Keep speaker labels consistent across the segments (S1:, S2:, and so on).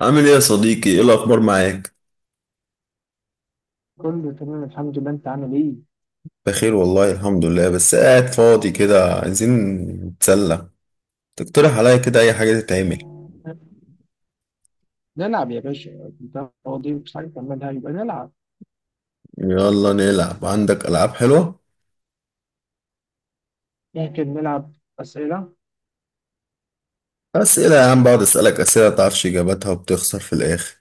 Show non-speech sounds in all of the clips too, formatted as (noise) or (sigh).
S1: عامل ايه يا صديقي؟ ايه الاخبار معاك؟
S2: كله تمام الحمد لله. انت عامل ايه؟
S1: بخير والله، الحمد لله. بس قاعد فاضي كده، عايزين نتسلى. تقترح عليا كده اي حاجه تتعمل؟
S2: نلعب يا باشا. انت فاضي مش عارف تعملها يبقى نلعب.
S1: يلا نلعب، عندك العاب حلوه؟
S2: ممكن نلعب اسئله.
S1: اسئله يا عم! بقعد اسالك اسئله متعرفش اجاباتها وبتخسر في الاخر.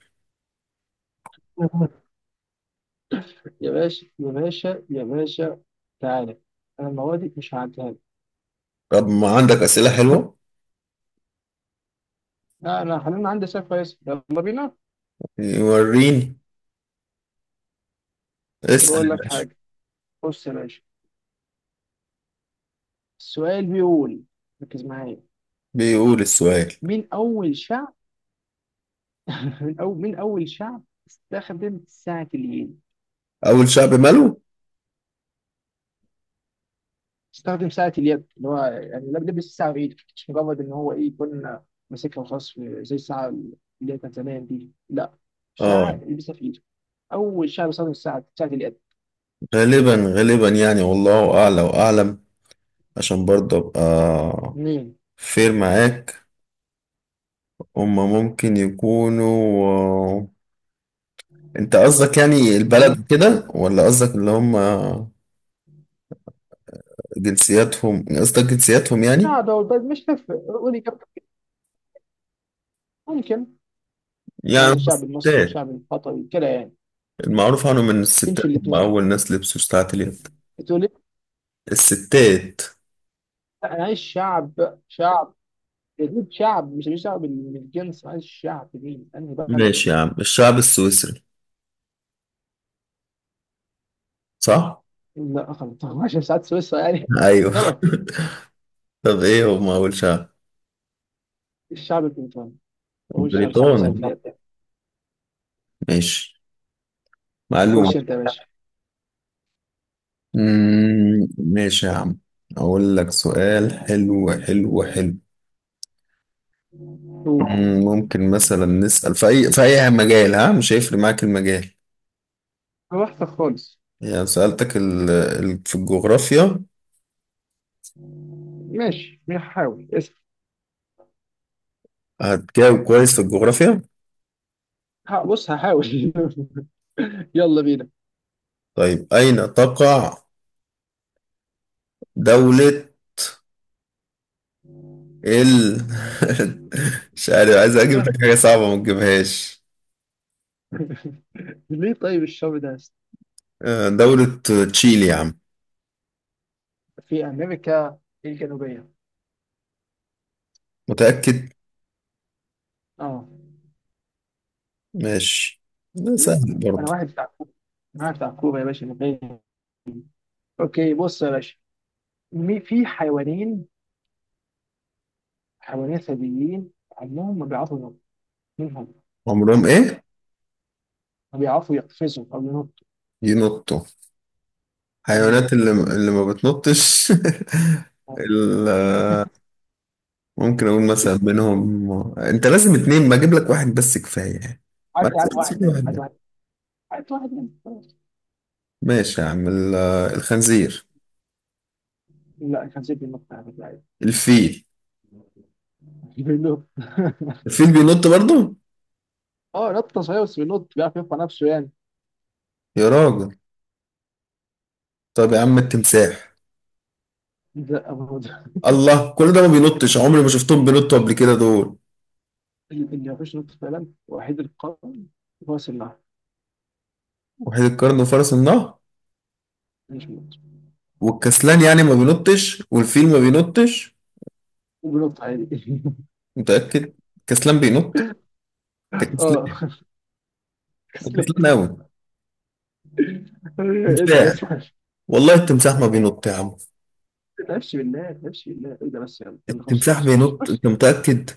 S2: يا باشا يا باشا يا باشا، تعالى. انا المواد مش هعديها لك.
S1: طب ما عندك اسئله حلوه؟
S2: لا انا خلينا عندي سؤال كويس، يلا بينا.
S1: وريني، اسال.
S2: بقول لك حاجه، بص يا باشا، السؤال بيقول، ركز معايا.
S1: بيقول السؤال،
S2: مين اول شعب (laughs) من اول مين اول شعب استخدم ساعه اليد؟
S1: اول شعب ماله؟
S2: استخدم ساعة اليد، اللي هو يعني لبس الساعة بإيدك، مش مجرد إن هو إيه، يكون ماسكها وخلاص زي الساعة اللي هي كانت زمان دي، لا ساعة
S1: اه،
S2: يلبسها في إيده. أول شيء بيستخدم الساعة، ساعة اليد.
S1: غالبا غالبا يعني، والله اعلى واعلم. عشان برضه ابقى
S2: مين؟
S1: فير معاك. هما ممكن يكونوا انت قصدك يعني
S2: مين؟
S1: البلد كده ولا قصدك اللي هما جنسياتهم؟ قصدك جنسياتهم يعني.
S2: لا دول بس مش هتفرق، قولي كم ممكن.
S1: يعني
S2: يعني
S1: هما
S2: الشعب المصري
S1: الستات؟
S2: والشعب القطري كده يعني،
S1: المعروف عنهم ان الستات
S2: تمشي
S1: هم
S2: الاثنين.
S1: اول ناس لبسوا ساعات اليد.
S2: تقول لي؟
S1: الستات.
S2: لا، أنا عايز شعب شعب يجيب شعب، مش شعب من الجنس. أنا عايز شعب مين؟ أنهي بلد؟
S1: ماشي يا عم، الشعب السويسري. صح؟
S2: لا خلاص (laughs) 12 ساعات سويسرا يعني.
S1: ايوه.
S2: (laughs) غلط.
S1: (laughs) طب ايه هم اول شعب؟
S2: الشعب البريطاني، وأقول خمسة من ساعة
S1: بريطاني؟
S2: اليد.
S1: ماشي، معلوم.
S2: خش أنت يا باشا.
S1: ماشي يا عم، اقول لك سؤال حلو حلو حلو.
S2: قول.
S1: ممكن مثلا نسأل في أي في أي مجال، ها؟ مش هيفرق معاك المجال؟
S2: وحشة خالص.
S1: يعني سألتك في الجغرافيا،
S2: ماشي هحاول اسم.
S1: هتجاوب كويس في الجغرافيا؟
S2: بص هحاول. (laughs) يلا بينا.
S1: طيب، أين تقع دولة ال (laughs) مش عارف، عايز أجيب
S2: الله.
S1: لك حاجة صعبة ما تجيبهاش.
S2: (laughs) ليه طيب الشعب ده؟
S1: دولة تشيلي يا عم.
S2: في أمريكا الجنوبية.
S1: متأكد؟
S2: اه.
S1: ماشي، ده سهل
S2: أنا
S1: برضه.
S2: واحد بتاع كوبا. أنا واحد بتاع كوبا يا باشا. من، أوكي بص يا باشا، في حيوانين، حيوانين ثديين، عمهم ما بيعرفوا ينطوا منهم.
S1: عمرهم إيه؟
S2: ما بيعرفوا يقفزوا أو ينطوا.
S1: ينطوا. حيوانات
S2: مم.
S1: اللي ما بتنطش (laughs) ال- ممكن اقول مثلا منهم، انت لازم اتنين؟ ما اجيب لك واحد بس كفاية يعني. ما
S2: عارف عارف واحد
S1: تسيب
S2: منهم،
S1: واحد
S2: عارف
S1: ده.
S2: واحد، عارف واحد منهم.
S1: ماشي يا عم الخنزير.
S2: لا كان سيبني النط يعني لعيب.
S1: الفيل.
S2: (laughs) بينط؟
S1: الفيل بينط برضه؟
S2: (laughs) اه، نطه صحيح، بس بينط بيعرف يرفع نفسه يعني.
S1: يا راجل! طب يا عم التمساح.
S2: لا أبدا.
S1: الله! كل ده ما بينطش؟ عمري ما شفتهم بينطوا قبل كده دول.
S2: اللي ما فيش نط فعلا وحيد القرن، هو سلاح،
S1: وحيد القرن وفرس النهر
S2: مش بينط.
S1: والكسلان يعني ما بينطش، والفيل ما بينطش.
S2: وبينط عادي.
S1: متأكد الكسلان بينط؟ ده
S2: (laughs) اه
S1: كسلان، ده
S2: كسلان.
S1: كسلان قوي.
S2: (laughs) اسال
S1: تمساح،
S2: اسال.
S1: والله التمساح ما بينط يا عم.
S2: ما تلعبش بالله، ما تلعبش بالله، ايه ده بس، يلا يلا خش يا
S1: التمساح
S2: باشا، خش
S1: بينط،
S2: خش.
S1: انت متأكد؟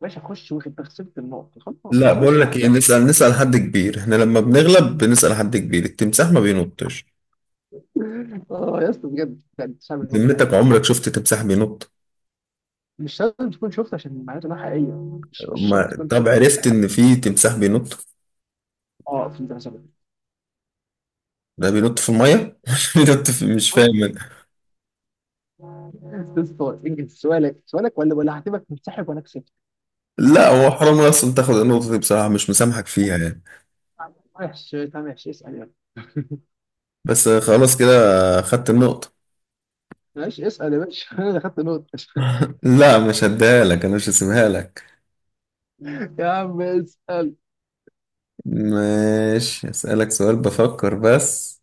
S2: باشا خش، واخد تخسرت النقط خلاص،
S1: لا
S2: ما تقعدش
S1: بقول لك ايه،
S2: تحزق.
S1: نسأل نسأل حد كبير، احنا لما بنغلب بنسأل حد كبير. التمساح ما بينطش.
S2: اه يا اسطى بجد بجد، صعب النقط عادي.
S1: ذمتك عمرك شفت تمساح بينط؟
S2: مش لازم تكون شفت، عشان معناته انها حقيقيه، مش شرط
S1: ما
S2: تكون
S1: طب
S2: شفت.
S1: عرفت ان في تمساح بينط؟
S2: اه فهمت، حسب.
S1: ده بينط في المية (laughs) بينط مش فاهم أنا.
S2: تسطر انجز سؤالك سؤالك، ولا هعتبرك منسحب وانا كسبت.
S1: لا هو حرام اصلا تاخد النقطة دي بصراحة، مش مسامحك فيها يعني.
S2: وحش، طب ماشي اسال يلا.
S1: بس خلاص كده، خدت النقطة.
S2: ماشي اسال يا باشا. (laughs) انا اللي خدت نقطه.
S1: لا مش هديها لك، انا مش هسيبها لك.
S2: (laughs) يا عم اسال.
S1: ماشي هسألك سؤال، بفكر بس.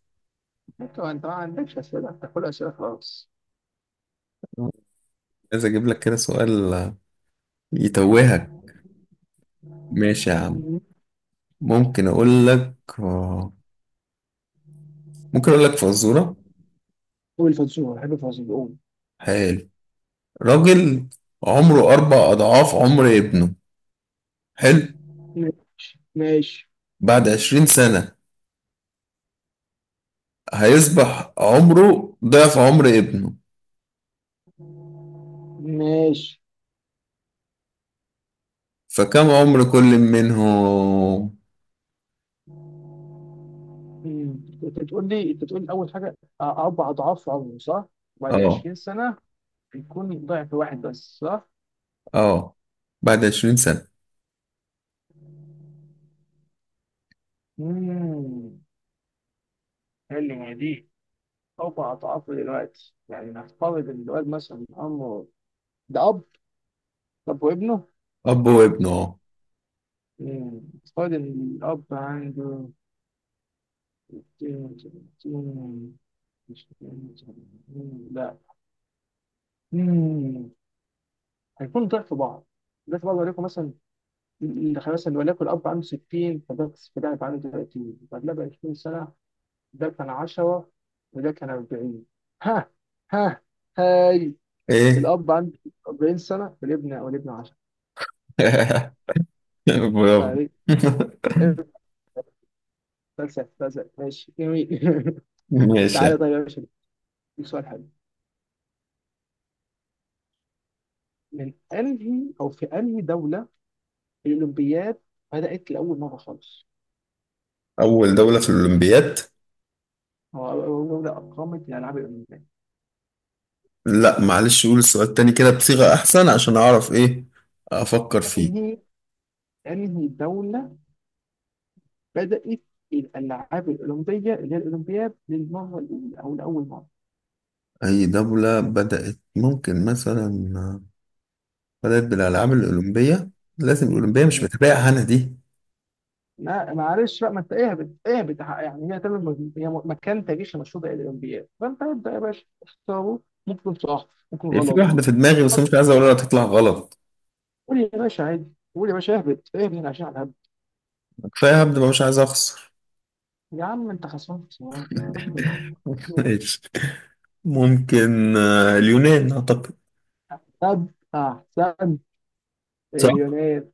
S2: انت ما عندكش اسئله، انت كل اسئله خلاص.
S1: عايز اجيب لك كده سؤال يتوهك. ماشي يا عم. ممكن اقول لك ممكن اقول لك فزورة؟
S2: قول الفزوره، بحب الفزوره، قول.
S1: حلو. راجل عمره 4 أضعاف عمر ابنه، حلو.
S2: ماشي ماشي
S1: بعد 20 سنة هيصبح عمره ضعف عمر ابنه.
S2: ماشي.
S1: فكم عمر كل منهم؟
S2: انت بتقول لي اول حاجه اربع اضعاف عمره صح؟ وبعد
S1: اه.
S2: 20 سنه يكون ضعف واحد بس صح؟
S1: اه، بعد 20 سنة.
S2: امم، حلوه دي. فوق أضعافه دلوقتي يعني، نفترض إن الواد مثلا عمره، ده أب، طب وابنه.
S1: اب وابنه، اه.
S2: مم. نفترض إن الأب عنده 60، 70، 60، 70، لا. مم. هيكون ضعف بعض، ضعف بعض، وليكن مثلا مثلا وليكن الأب عنده 60، فده فده هيبقى عنده 30، فده بقى 20 سنة، ده كان 10 وده كان 40. ها، ها، هاي.
S1: ايه؟
S2: الأب عنده 40 سنة والابن 10.
S1: (laughs) برافو!
S2: بقى إيه؟ فلسف فلسف، ماشي جميل.
S1: (laughs)
S2: (laughs)
S1: ماشي.
S2: تعالى طيب يا باشا، دي سؤال حلو. من انهي او في انهي دوله الاولمبياد بدات لاول مره خالص؟
S1: اول دولة في الاولمبياد؟
S2: هو اول دوله اقامت الالعاب الاولمبيه.
S1: لا معلش، قول السؤال تاني كده بصيغة أحسن عشان أعرف إيه أفكر فيه.
S2: انهي انهي دوله بدات الالعاب الاولمبيه اللي هي الاولمبياد للمره الاولى او لاول مره؟
S1: أي دولة بدأت، ممكن مثلا بدأت بالألعاب الأولمبية؟ لازم الأولمبية مش
S2: مم.
S1: بتبقى أنا دي.
S2: ما معلش بقى، ما انت اهبط اهبط يعني، هي تعمل هي مكان تاريخي مشهور للاولمبياد، فانت ابدا يا باشا اختاره، ممكن صح ممكن
S1: هي في
S2: غلط.
S1: واحدة في دماغي بس مش عايز أقولها تطلع غلط.
S2: قول لي يا باشا عادي، قول يا باشا، اهبط اهبط عشان على الهبل.
S1: كفاية، هبدأ بقى، مش عايز أخسر.
S2: يا عم انت خسران خسران.
S1: (laughs) ماشي، ممكن اليونان أعتقد.
S2: طب احسن،
S1: صح؟
S2: اليونان،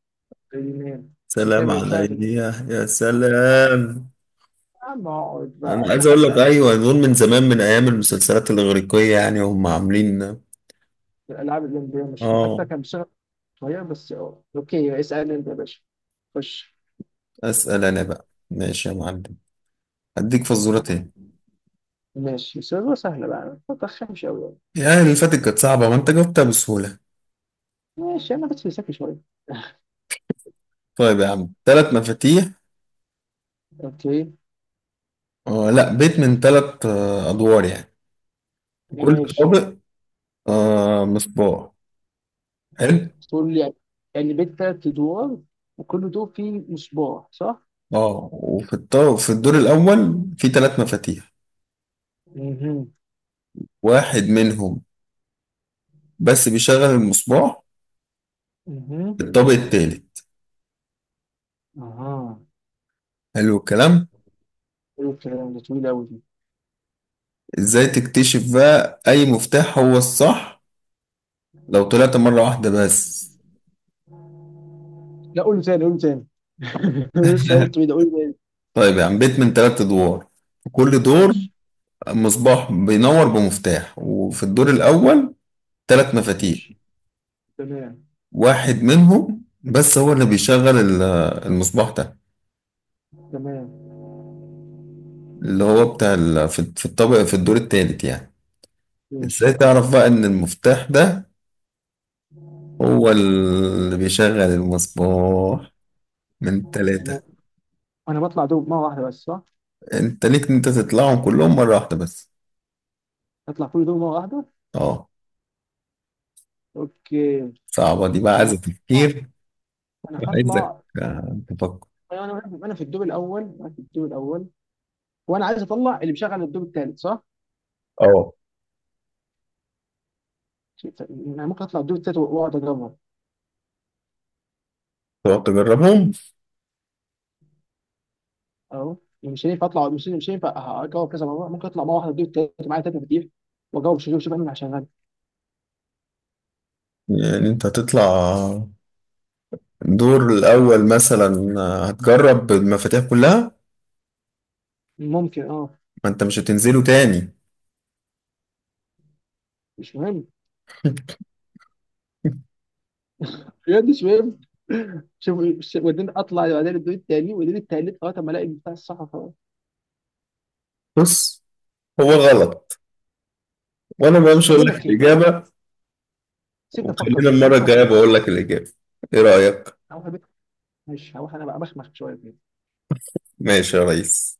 S2: اليونان. عشان كده
S1: سلام
S2: بيشارك
S1: عليا! يا سلام!
S2: يا عم اقعد بقى
S1: أنا عايز
S2: هتلاقي
S1: أقول
S2: حد
S1: لك
S2: قال
S1: أيوه، دول من زمان من أيام المسلسلات الإغريقية يعني، هم عاملين.
S2: الالعاب الاولمبيه مش فيها
S1: آه.
S2: حتى، كان بسرعه صغير بس اه. اوكي اسالني انت يا باشا، خش.
S1: اسال انا بقى، ماشي يا معلم، هديك فزوره تاني.
S2: ماشي سؤال سهله بقى، ما ترخمش قوي يعني.
S1: يعني اللي فاتت كانت صعبه ما انت جاوبتها بسهوله.
S2: ماشي انا بس فلسفي شويه.
S1: طيب يا عم، 3 مفاتيح،
S2: اوكي.
S1: لا بيت من ثلاث ادوار يعني. كل
S2: ماشي.
S1: طابق مصباح. حلو.
S2: تقول لي؟ يعني بيت تلات أدوار وكل دور فيه مصباح صح؟
S1: اه، وفي الطابق في الدور الاول في 3 مفاتيح،
S2: مهم.
S1: واحد منهم بس بيشغل المصباح
S2: مهم.
S1: في الطابق الثالث.
S2: اها.
S1: حلو الكلام.
S2: حلو الكلام. ده طويل أوي دي.
S1: ازاي تكتشف بقى اي مفتاح هو الصح لو طلعت مره واحده بس؟
S2: لا قول تاني، قول تاني. (laughs) لسه قايل
S1: (laughs)
S2: طويل؟ قول تاني.
S1: طيب، يعني بيت من 3 ادوار، في كل دور
S2: ماشي.
S1: مصباح بينور بمفتاح، وفي الدور الاول 3 مفاتيح،
S2: ماشي، تمام.
S1: واحد منهم بس هو اللي بيشغل المصباح ده،
S2: تمام.
S1: اللي هو بتاع في الطابق في الدور الثالث يعني.
S2: ماشي.
S1: ازاي تعرف بقى ان المفتاح ده هو اللي بيشغل المصباح من
S2: تمام.
S1: 3؟
S2: أنا بطلع دور مرة واحدة بس صح؟
S1: انت ليك ان انت تطلعهم كلهم مرة واحدة بس.
S2: أطلع كل دور مرة واحدة.
S1: اه.
S2: أوكي.
S1: صعبة دي بقى، عايزة
S2: أنا،
S1: تفكير.
S2: أنا
S1: وعايزك
S2: هطلع.
S1: تفكر.
S2: أنا في الدور الأول، أنا في الدور الأول، وأنا عايز أطلع اللي مشغل الدور التالت صح؟
S1: اه.
S2: أنا ممكن أطلع الدور التالت وأقعد أجربها.
S1: تقعد تجربهم؟
S2: اهو. مش هينفع اطلع، مش هينفع اجاوب كذا مره، ممكن اطلع مره واحده، بدي التالت معايا، تلاته كتير، واجاوب. شوف شوف انا عشان غني،
S1: يعني انت هتطلع الدور الاول مثلا هتجرب المفاتيح كلها؟
S2: ممكن اه.
S1: ما انت مش هتنزله تاني؟
S2: مش مهم، بجد مش مهم. (laughs) شوف، وبعدين اطلع بعدين الدور التاني، وبعدين التالت، اه طب ما الاقي بتاع الصح خلاص.
S1: بص، هو غلط، وانا ما مش
S2: طب
S1: هقول
S2: بقول
S1: لك
S2: لك ايه، بقول لك إيه،
S1: الاجابه،
S2: سيبني افكر
S1: وخلينا
S2: بقى، سيبني
S1: المره
S2: افكر
S1: الجايه
S2: فيها.
S1: بقول لك الاجابه. ايه رايك؟
S2: هروح البيت، مش هروح، انا بقى بخمخ شويه.
S1: ماشي يا ريس.